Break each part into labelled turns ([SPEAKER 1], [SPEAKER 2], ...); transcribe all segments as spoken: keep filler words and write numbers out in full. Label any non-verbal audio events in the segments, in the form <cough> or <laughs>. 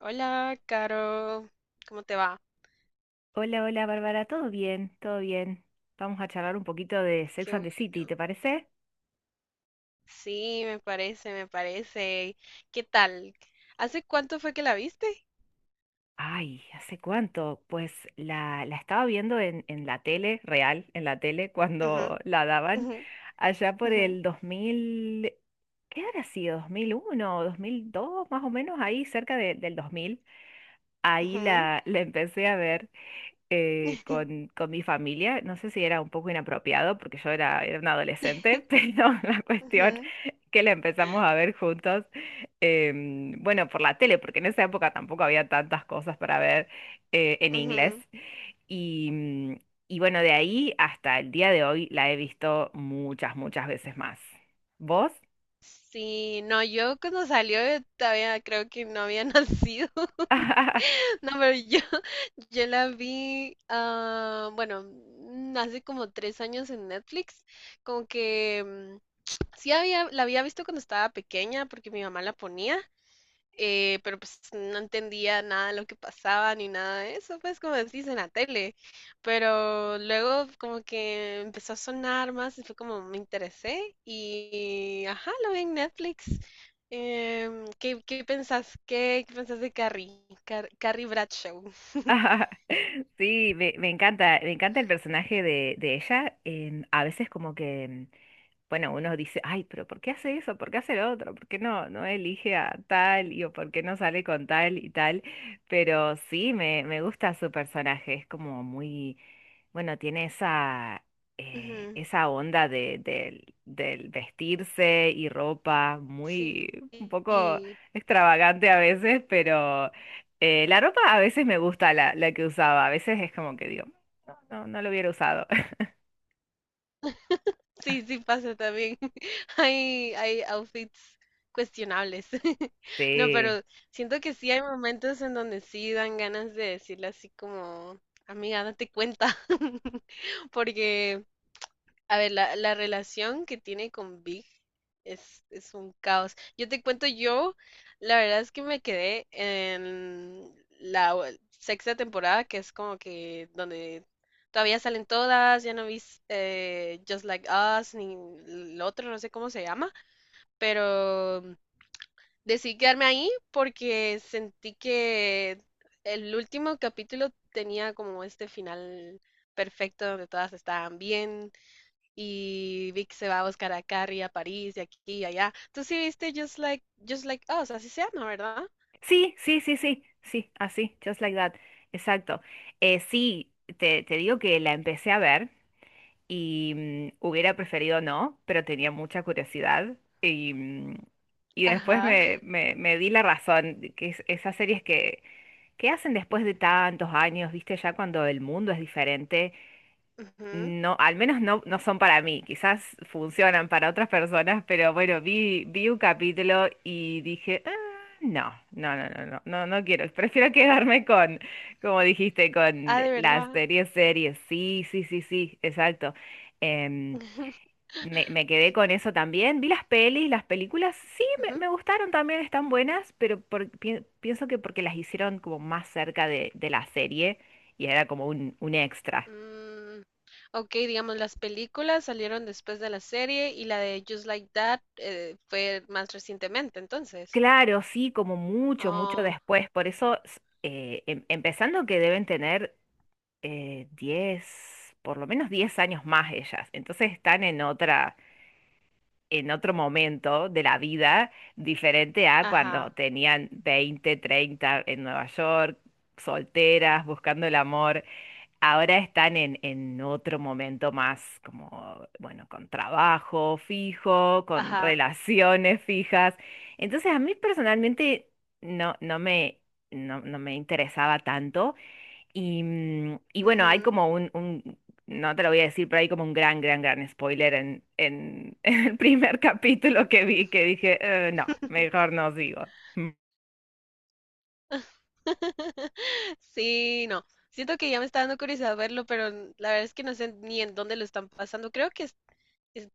[SPEAKER 1] Hola, Caro, ¿cómo te va?
[SPEAKER 2] Hola, hola Bárbara, ¿todo bien? ¿Todo bien? Vamos a charlar un poquito de Sex
[SPEAKER 1] Qué
[SPEAKER 2] and the City,
[SPEAKER 1] bueno.
[SPEAKER 2] ¿te parece?
[SPEAKER 1] Sí, me parece, me parece. ¿Qué tal? ¿Hace cuánto fue que la viste?
[SPEAKER 2] Ay, ¿hace cuánto? Pues la, la estaba viendo en, en la tele, real, en la tele, <laughs>
[SPEAKER 1] Ujú,
[SPEAKER 2] cuando la daban,
[SPEAKER 1] ujú,
[SPEAKER 2] allá por
[SPEAKER 1] ujú,
[SPEAKER 2] el dos mil, ¿qué habrá sido? ¿dos mil uno o dos? Más o menos ahí, cerca de- del dos mil. Ahí
[SPEAKER 1] ujú,
[SPEAKER 2] la, la empecé a ver, eh, con,
[SPEAKER 1] <laughs>
[SPEAKER 2] con mi familia. No sé si era un poco inapropiado porque yo era, era una adolescente, <laughs> pero la cuestión
[SPEAKER 1] ujú,
[SPEAKER 2] que la empezamos a ver juntos, em, bueno, por la tele, porque en esa época tampoco había tantas cosas para ver eh, en inglés.
[SPEAKER 1] ujú.
[SPEAKER 2] Y, mm, y bueno, de ahí hasta el día de hoy la he visto muchas, muchas veces más. ¿Vos?
[SPEAKER 1] Sí, no, yo cuando salió eh, todavía creo que no había <laughs> nacido.
[SPEAKER 2] <laughs>
[SPEAKER 1] No, pero yo, yo la vi, ah, bueno, mm, hace como tres años en Netflix. Como que mm, sí había, la había visto cuando estaba pequeña porque mi mamá la ponía. Eh, pero pues no entendía nada de lo que pasaba ni nada de eso, pues como decís en la tele. Pero luego como que empezó a sonar más y fue como me interesé y ajá, lo vi en Netflix. Em, ¿qué, qué pensás? ¿Qué, qué pensás de Carrie? Car- Carrie Bradshaw.
[SPEAKER 2] Sí, me, me encanta, me encanta el personaje de, de ella. Em, a veces como que mm, bueno, uno dice, ay, pero ¿por qué hace eso? ¿Por qué hace lo otro? ¿Por qué no, no elige a tal y o por qué no sale con tal y tal? Pero sí, me, me gusta su personaje, es como muy, bueno, tiene esa, eh,
[SPEAKER 1] Ujú,
[SPEAKER 2] esa onda de, del del vestirse y ropa, muy, un poco
[SPEAKER 1] sí.
[SPEAKER 2] extravagante a veces, pero eh, la ropa a veces me gusta la, la que usaba, a veces es como que digo, no, no, no lo hubiera usado. <laughs>
[SPEAKER 1] Sí, sí pasa también. <laughs> Hay, hay outfits cuestionables. <laughs> No,
[SPEAKER 2] Sí.
[SPEAKER 1] pero siento que sí hay momentos en donde sí dan ganas de decirle así como, amiga, date cuenta. <laughs> Porque a ver, la, la relación que tiene con Big es, es un caos. Yo te cuento, yo, la verdad es que me quedé en la o- sexta temporada, que es como que donde todavía salen todas, ya no vi eh, Just Like Us, ni el otro, no sé cómo se llama, pero decidí quedarme ahí porque sentí que el último capítulo tenía como este final perfecto donde todas estaban bien y Vic se va a buscar a Carrie a París y aquí y allá. Tú sí viste Just Like, Just Like Us, así se llama, ¿verdad?
[SPEAKER 2] Sí, sí, sí, sí, sí, así, just like that. Exacto. Eh, sí, te, te digo que la empecé a ver y mm, hubiera preferido no, pero tenía mucha curiosidad y, mm, y después
[SPEAKER 1] Ajá.
[SPEAKER 2] me, me, me di la razón, de que es- esas series que, que hacen después de tantos años, viste, ya cuando el mundo es diferente,
[SPEAKER 1] Ujú.
[SPEAKER 2] no, al menos no, no son para mí, quizás funcionan para otras personas, pero bueno, vi, vi un capítulo y dije: "Ah, no, no, no, no, no, no, no quiero, prefiero quedarme con, como dijiste,
[SPEAKER 1] Ah,
[SPEAKER 2] con
[SPEAKER 1] de
[SPEAKER 2] las
[SPEAKER 1] verdad.
[SPEAKER 2] series, series, sí, sí, sí, sí, exacto." Em,
[SPEAKER 1] <laughs>
[SPEAKER 2] me, me quedé con eso también, vi las pelis, las películas, sí, me,
[SPEAKER 1] Ujú.
[SPEAKER 2] me gustaron también, están buenas, pero por- pi- pienso que porque las hicieron como más cerca de, de la serie y era como un, un extra.
[SPEAKER 1] Mm, ok, digamos, las películas salieron después de la serie y la de Just Like That eh, fue más recientemente, entonces.
[SPEAKER 2] Claro, sí, como mucho, mucho
[SPEAKER 1] Oh,
[SPEAKER 2] después. Por eso, s- eh, em- empezando que deben tener eh, diez, por lo menos diez años más ellas. Entonces están en otra, en otro momento de la vida diferente a cuando
[SPEAKER 1] ajá,
[SPEAKER 2] tenían veinte, treinta en Nueva York, solteras, buscando el amor. Ahora están en, en otro momento más como, bueno, con trabajo fijo, con
[SPEAKER 1] ajá,
[SPEAKER 2] relaciones fijas. Entonces a mí personalmente no, no me, no, no me interesaba tanto. Y, mm, y bueno, hay
[SPEAKER 1] ujú.
[SPEAKER 2] como un, un- no te lo voy a decir, pero hay como un gran, gran, gran spoiler en, en, <laughs> en el primer capítulo que vi, que dije: "Eh, no, mejor
[SPEAKER 1] <laughs>
[SPEAKER 2] no sigo."
[SPEAKER 1] Sí, no. Siento que ya me está dando curiosidad verlo, pero n- la verdad es que no sé ni en dónde lo están pasando. Creo que es-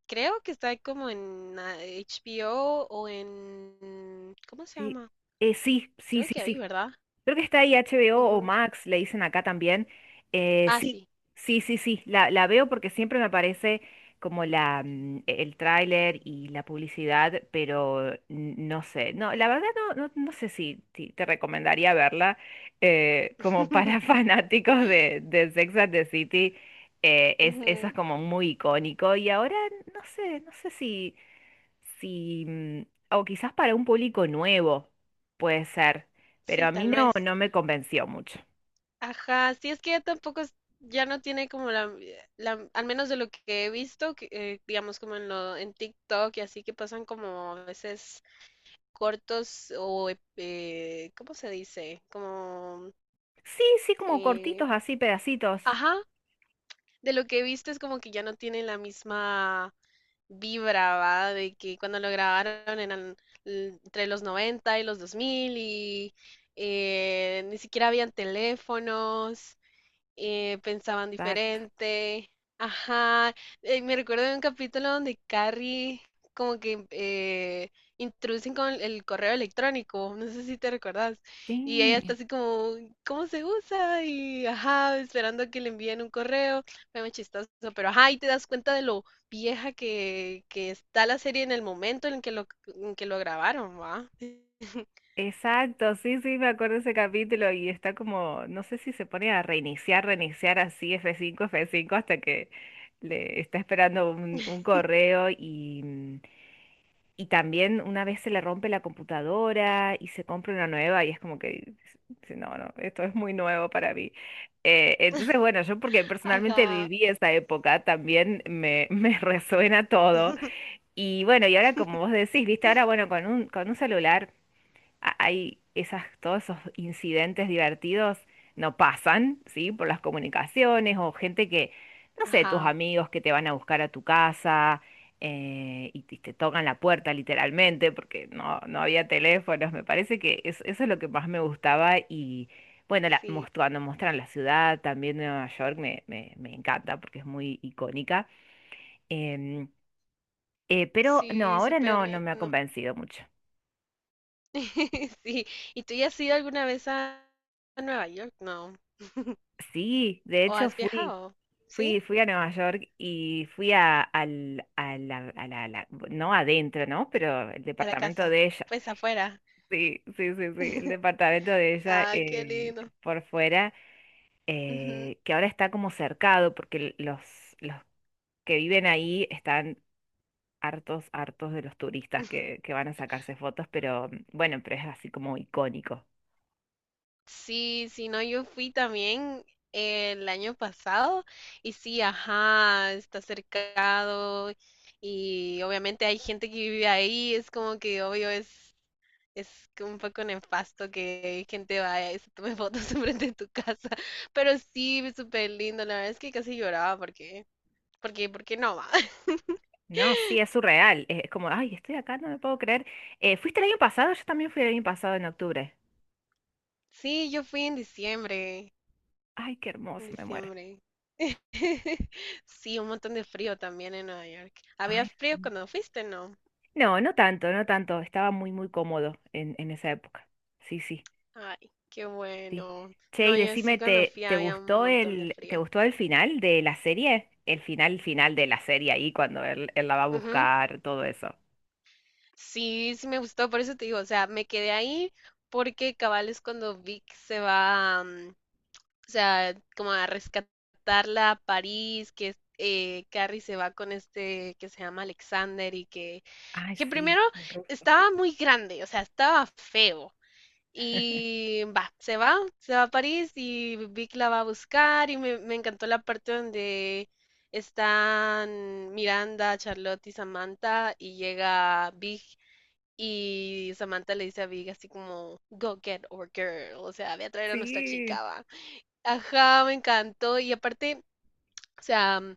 [SPEAKER 1] creo que está como en ah, HBO o o en... ¿Cómo se
[SPEAKER 2] Sí,
[SPEAKER 1] llama?
[SPEAKER 2] eh, sí, sí,
[SPEAKER 1] Creo
[SPEAKER 2] sí,
[SPEAKER 1] que ahí,
[SPEAKER 2] sí.
[SPEAKER 1] ¿verdad?
[SPEAKER 2] Creo que está ahí HBO o o
[SPEAKER 1] Ujú.
[SPEAKER 2] Max, le dicen acá también. Eh,
[SPEAKER 1] Ah,
[SPEAKER 2] sí,
[SPEAKER 1] sí.
[SPEAKER 2] sí, sí, sí, la, la veo porque siempre me aparece como la, mm, e, el tráiler y la publicidad, pero n- no sé, no, la verdad no, no, no sé si, si te recomendaría verla, eh, como para <laughs>
[SPEAKER 1] <laughs>
[SPEAKER 2] fanáticos de, de Sex and the City, eh, es, eso es
[SPEAKER 1] Ujú,
[SPEAKER 2] como muy icónico y ahora no sé, no sé si si, mm, o quizás para un público nuevo, puede ser, pero
[SPEAKER 1] sí,
[SPEAKER 2] a mí
[SPEAKER 1] tal
[SPEAKER 2] no,
[SPEAKER 1] vez.
[SPEAKER 2] no me convenció mucho.
[SPEAKER 1] Ajá, sí, es que ya tampoco es- ya no tiene como la, la- al menos de lo que he visto, que, eh, digamos como en lo, en TikTok y así que pasan como a veces cortos o, ep- eh, ¿cómo se dice? Como,
[SPEAKER 2] Sí, sí, como
[SPEAKER 1] eh,
[SPEAKER 2] cortitos, así, pedacitos.
[SPEAKER 1] ajá, de lo que he visto es como que ya no tiene la misma vibraba de que cuando lo grabaron eran l- entre los noventa y los dos mil y eh, ni siquiera habían teléfonos, eh, pensaban
[SPEAKER 2] Exacto.
[SPEAKER 1] diferente. Ajá, eh, me recuerdo de un capítulo donde Carrie como que eh, introducen con el correo electrónico, no sé si te recordás, y ella está
[SPEAKER 2] Sí.
[SPEAKER 1] así como, ¿cómo se usa? Y ajá, esperando que le envíen un correo, fue muy chistoso, pero ajá, y te das cuenta de lo vieja que, que está la serie en el momento en que lo, en que lo grabaron, ¿va? <laughs>
[SPEAKER 2] Exacto, sí, sí, me acuerdo ese capítulo y está como, no sé si se pone a reiniciar, reiniciar así f cinco f cinco hasta que le está esperando un, un correo y, mm, y también una vez se le rompe la computadora y se compra una nueva y es como que, dice, no, no, esto es muy nuevo para mí. Eh, entonces, bueno, yo porque personalmente
[SPEAKER 1] Ajá,
[SPEAKER 2] viví esa época, también me, <laughs> me resuena todo.
[SPEAKER 1] <laughs>
[SPEAKER 2] Y bueno, y ahora como vos decís, viste, ahora bueno, con un, con un celular a- hay esas, todos esos incidentes divertidos no pasan, ¿sí? Por las comunicaciones o gente que, no sé, tus
[SPEAKER 1] ajá,
[SPEAKER 2] amigos que te van a buscar a tu casa, eh, y te, te tocan la puerta literalmente porque no, no había teléfonos. Me parece que es- eso es lo que más me gustaba y bueno, la, mos-
[SPEAKER 1] sí,
[SPEAKER 2] cuando muestran la ciudad también de Nueva York me, me, me encanta porque es muy icónica. Em, eh, pero no,
[SPEAKER 1] sí,
[SPEAKER 2] ahora
[SPEAKER 1] súper
[SPEAKER 2] no, no me ha
[SPEAKER 1] lindo.
[SPEAKER 2] convencido mucho.
[SPEAKER 1] <laughs> Sí, ¿y tú ya has ido alguna vez a a Nueva York? No.
[SPEAKER 2] Sí, de
[SPEAKER 1] ¿O
[SPEAKER 2] hecho
[SPEAKER 1] has
[SPEAKER 2] fui.
[SPEAKER 1] viajado?
[SPEAKER 2] Fui,
[SPEAKER 1] ¿Sí?
[SPEAKER 2] fui a Nueva York y fui a, al, a la, a la- a la- no adentro, ¿no? Pero el
[SPEAKER 1] A la
[SPEAKER 2] departamento
[SPEAKER 1] casa.
[SPEAKER 2] de ella.
[SPEAKER 1] Pues afuera.
[SPEAKER 2] Sí, sí, sí, sí, el departamento de ella
[SPEAKER 1] Ay, qué
[SPEAKER 2] eh,
[SPEAKER 1] lindo.
[SPEAKER 2] por fuera,
[SPEAKER 1] Ujú.
[SPEAKER 2] eh, que ahora está como cercado porque l- los, los que viven ahí están hartos, hartos de los turistas que, que van a sacarse fotos, pero bueno, pero es así como icónico.
[SPEAKER 1] Sí, sí, no, yo fui también el año pasado y sí, ajá, está cercado y obviamente hay gente que vive ahí, es como que obvio es. Es que un poco nefasto que gente vaya y se tome fotos <laughs> enfrente de tu casa. Pero sí, súper lindo. La verdad es que casi lloraba porque, porque, porque no va. <laughs>
[SPEAKER 2] No, sí, es surreal. Es, como, ay, estoy acá, no me puedo creer. Eh, ¿fuiste el año pasado? Yo también fui el año pasado en octubre.
[SPEAKER 1] Sí, yo fui en diciembre.
[SPEAKER 2] Ay, qué
[SPEAKER 1] En
[SPEAKER 2] hermoso, me muero.
[SPEAKER 1] diciembre. <laughs> Sí, un montón de frío también en Nueva York. ¿Había
[SPEAKER 2] Ay,
[SPEAKER 1] frío
[SPEAKER 2] sí.
[SPEAKER 1] cuando fuiste, no?
[SPEAKER 2] No, no tanto, no tanto. Estaba muy, muy cómodo en, en esa época. Sí, sí,
[SPEAKER 1] Ay, qué
[SPEAKER 2] sí.
[SPEAKER 1] bueno.
[SPEAKER 2] Che,
[SPEAKER 1] No,
[SPEAKER 2] y
[SPEAKER 1] yo
[SPEAKER 2] decime,
[SPEAKER 1] sí cuando
[SPEAKER 2] ¿te,
[SPEAKER 1] fui
[SPEAKER 2] te
[SPEAKER 1] había un
[SPEAKER 2] gustó
[SPEAKER 1] montón de
[SPEAKER 2] el, te
[SPEAKER 1] frío.
[SPEAKER 2] gustó el final de la serie? El final, final de la serie ahí cuando él, él la va a
[SPEAKER 1] Ujú.
[SPEAKER 2] buscar, todo eso.
[SPEAKER 1] Sí, sí me gustó, por eso te digo, o sea, me quedé ahí porque cabal es cuando Vic se va, mm, o sea, como a rescatarla a París, que es- eh, Carrie se va con este que se llama Alexander y que,
[SPEAKER 2] Ay,
[SPEAKER 1] que
[SPEAKER 2] sí,
[SPEAKER 1] primero
[SPEAKER 2] el Ruf.
[SPEAKER 1] estaba muy grande, o sea, estaba feo. Y va, se va, se va a París y Vic la va a buscar y me, me encantó la parte donde están Miranda, Charlotte y Samantha y llega Big y Samantha le dice a Big así como, go get our girl, o sea, ve a traer a nuestra chica,
[SPEAKER 2] Sí.
[SPEAKER 1] va. Ajá, me encantó. Y aparte, o sea, mm,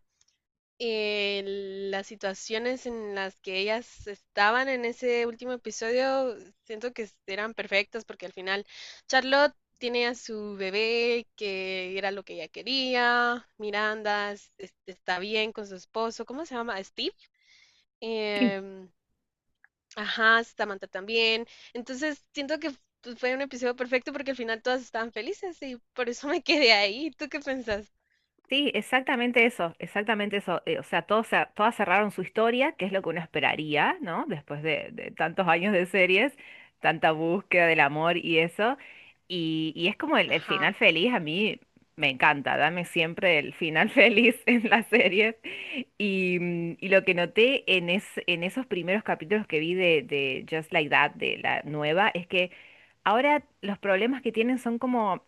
[SPEAKER 1] el- las situaciones en las que ellas estaban en ese último episodio, siento que eran perfectas porque al final Charlotte tiene a su bebé, que era lo que ella quería. Miranda es- es- está bien con su esposo. ¿Cómo se llama? Steve. Em, ajá, Samantha también. Entonces, siento que pues, fue un episodio perfecto porque al final todas estaban felices y por eso me quedé ahí. ¿Tú qué pensás?
[SPEAKER 2] Sí, exactamente eso, exactamente eso. Eh, o sea, todos, cer- todas cerraron su historia, que es lo que uno esperaría, ¿no? Después de, de tantos años de series, tanta búsqueda del amor y eso. Y, y es como el, el
[SPEAKER 1] Ajá.
[SPEAKER 2] final feliz, a mí me encanta, dame siempre el final <laughs> feliz en las series. Y, mm, y lo que noté en, es, en esos primeros capítulos que vi de, de Just Like That, de la nueva, es que ahora los problemas que tienen son como...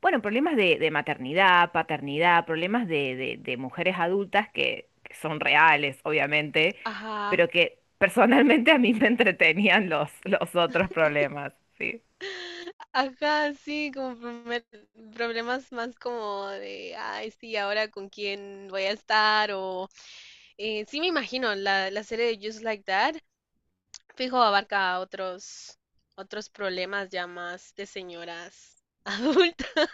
[SPEAKER 2] Bueno, problemas de, de maternidad, paternidad, problemas de, de- de mujeres adultas que, que son reales, obviamente,
[SPEAKER 1] Ajá.
[SPEAKER 2] pero que personalmente a mí me entretenían los, los otros problemas, sí.
[SPEAKER 1] Ajá, sí, como prome- problemas más como de, ay, sí, ahora con quién voy a estar o eh, sí me imagino la, la serie de Just Like That, fijo, abarca otros otros problemas ya más de señoras <laughs> adultas.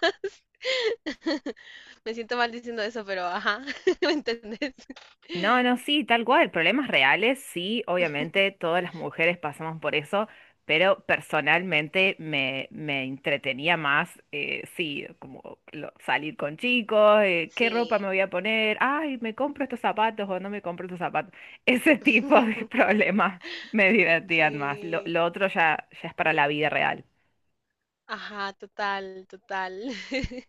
[SPEAKER 1] <laughs> Me siento mal diciendo eso, pero ajá, <laughs> ¿me entendés?
[SPEAKER 2] No, no, sí, tal cual, problemas reales, sí, obviamente todas las mujeres pasamos por eso, pero personalmente me, me entretenía más, eh, sí, como lo- salir con chicos, eh, qué ropa
[SPEAKER 1] Sí.
[SPEAKER 2] me voy a poner, ay, me compro estos zapatos o no me compro estos zapatos, <laughs> ese tipo de <laughs>
[SPEAKER 1] <laughs>
[SPEAKER 2] problemas me divertían más, lo,
[SPEAKER 1] Sí.
[SPEAKER 2] lo otro ya, ya es para la vida real.
[SPEAKER 1] Ajá, total, total. <laughs>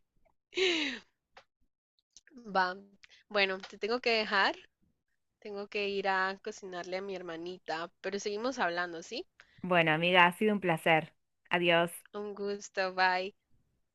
[SPEAKER 1] Va. Bueno, te tengo que dejar. Tengo que ir a cocinarle a mi hermanita, pero seguimos hablando, ¿sí?
[SPEAKER 2] Bueno, amiga, ha sido un placer, adiós.
[SPEAKER 1] Un gusto, bye.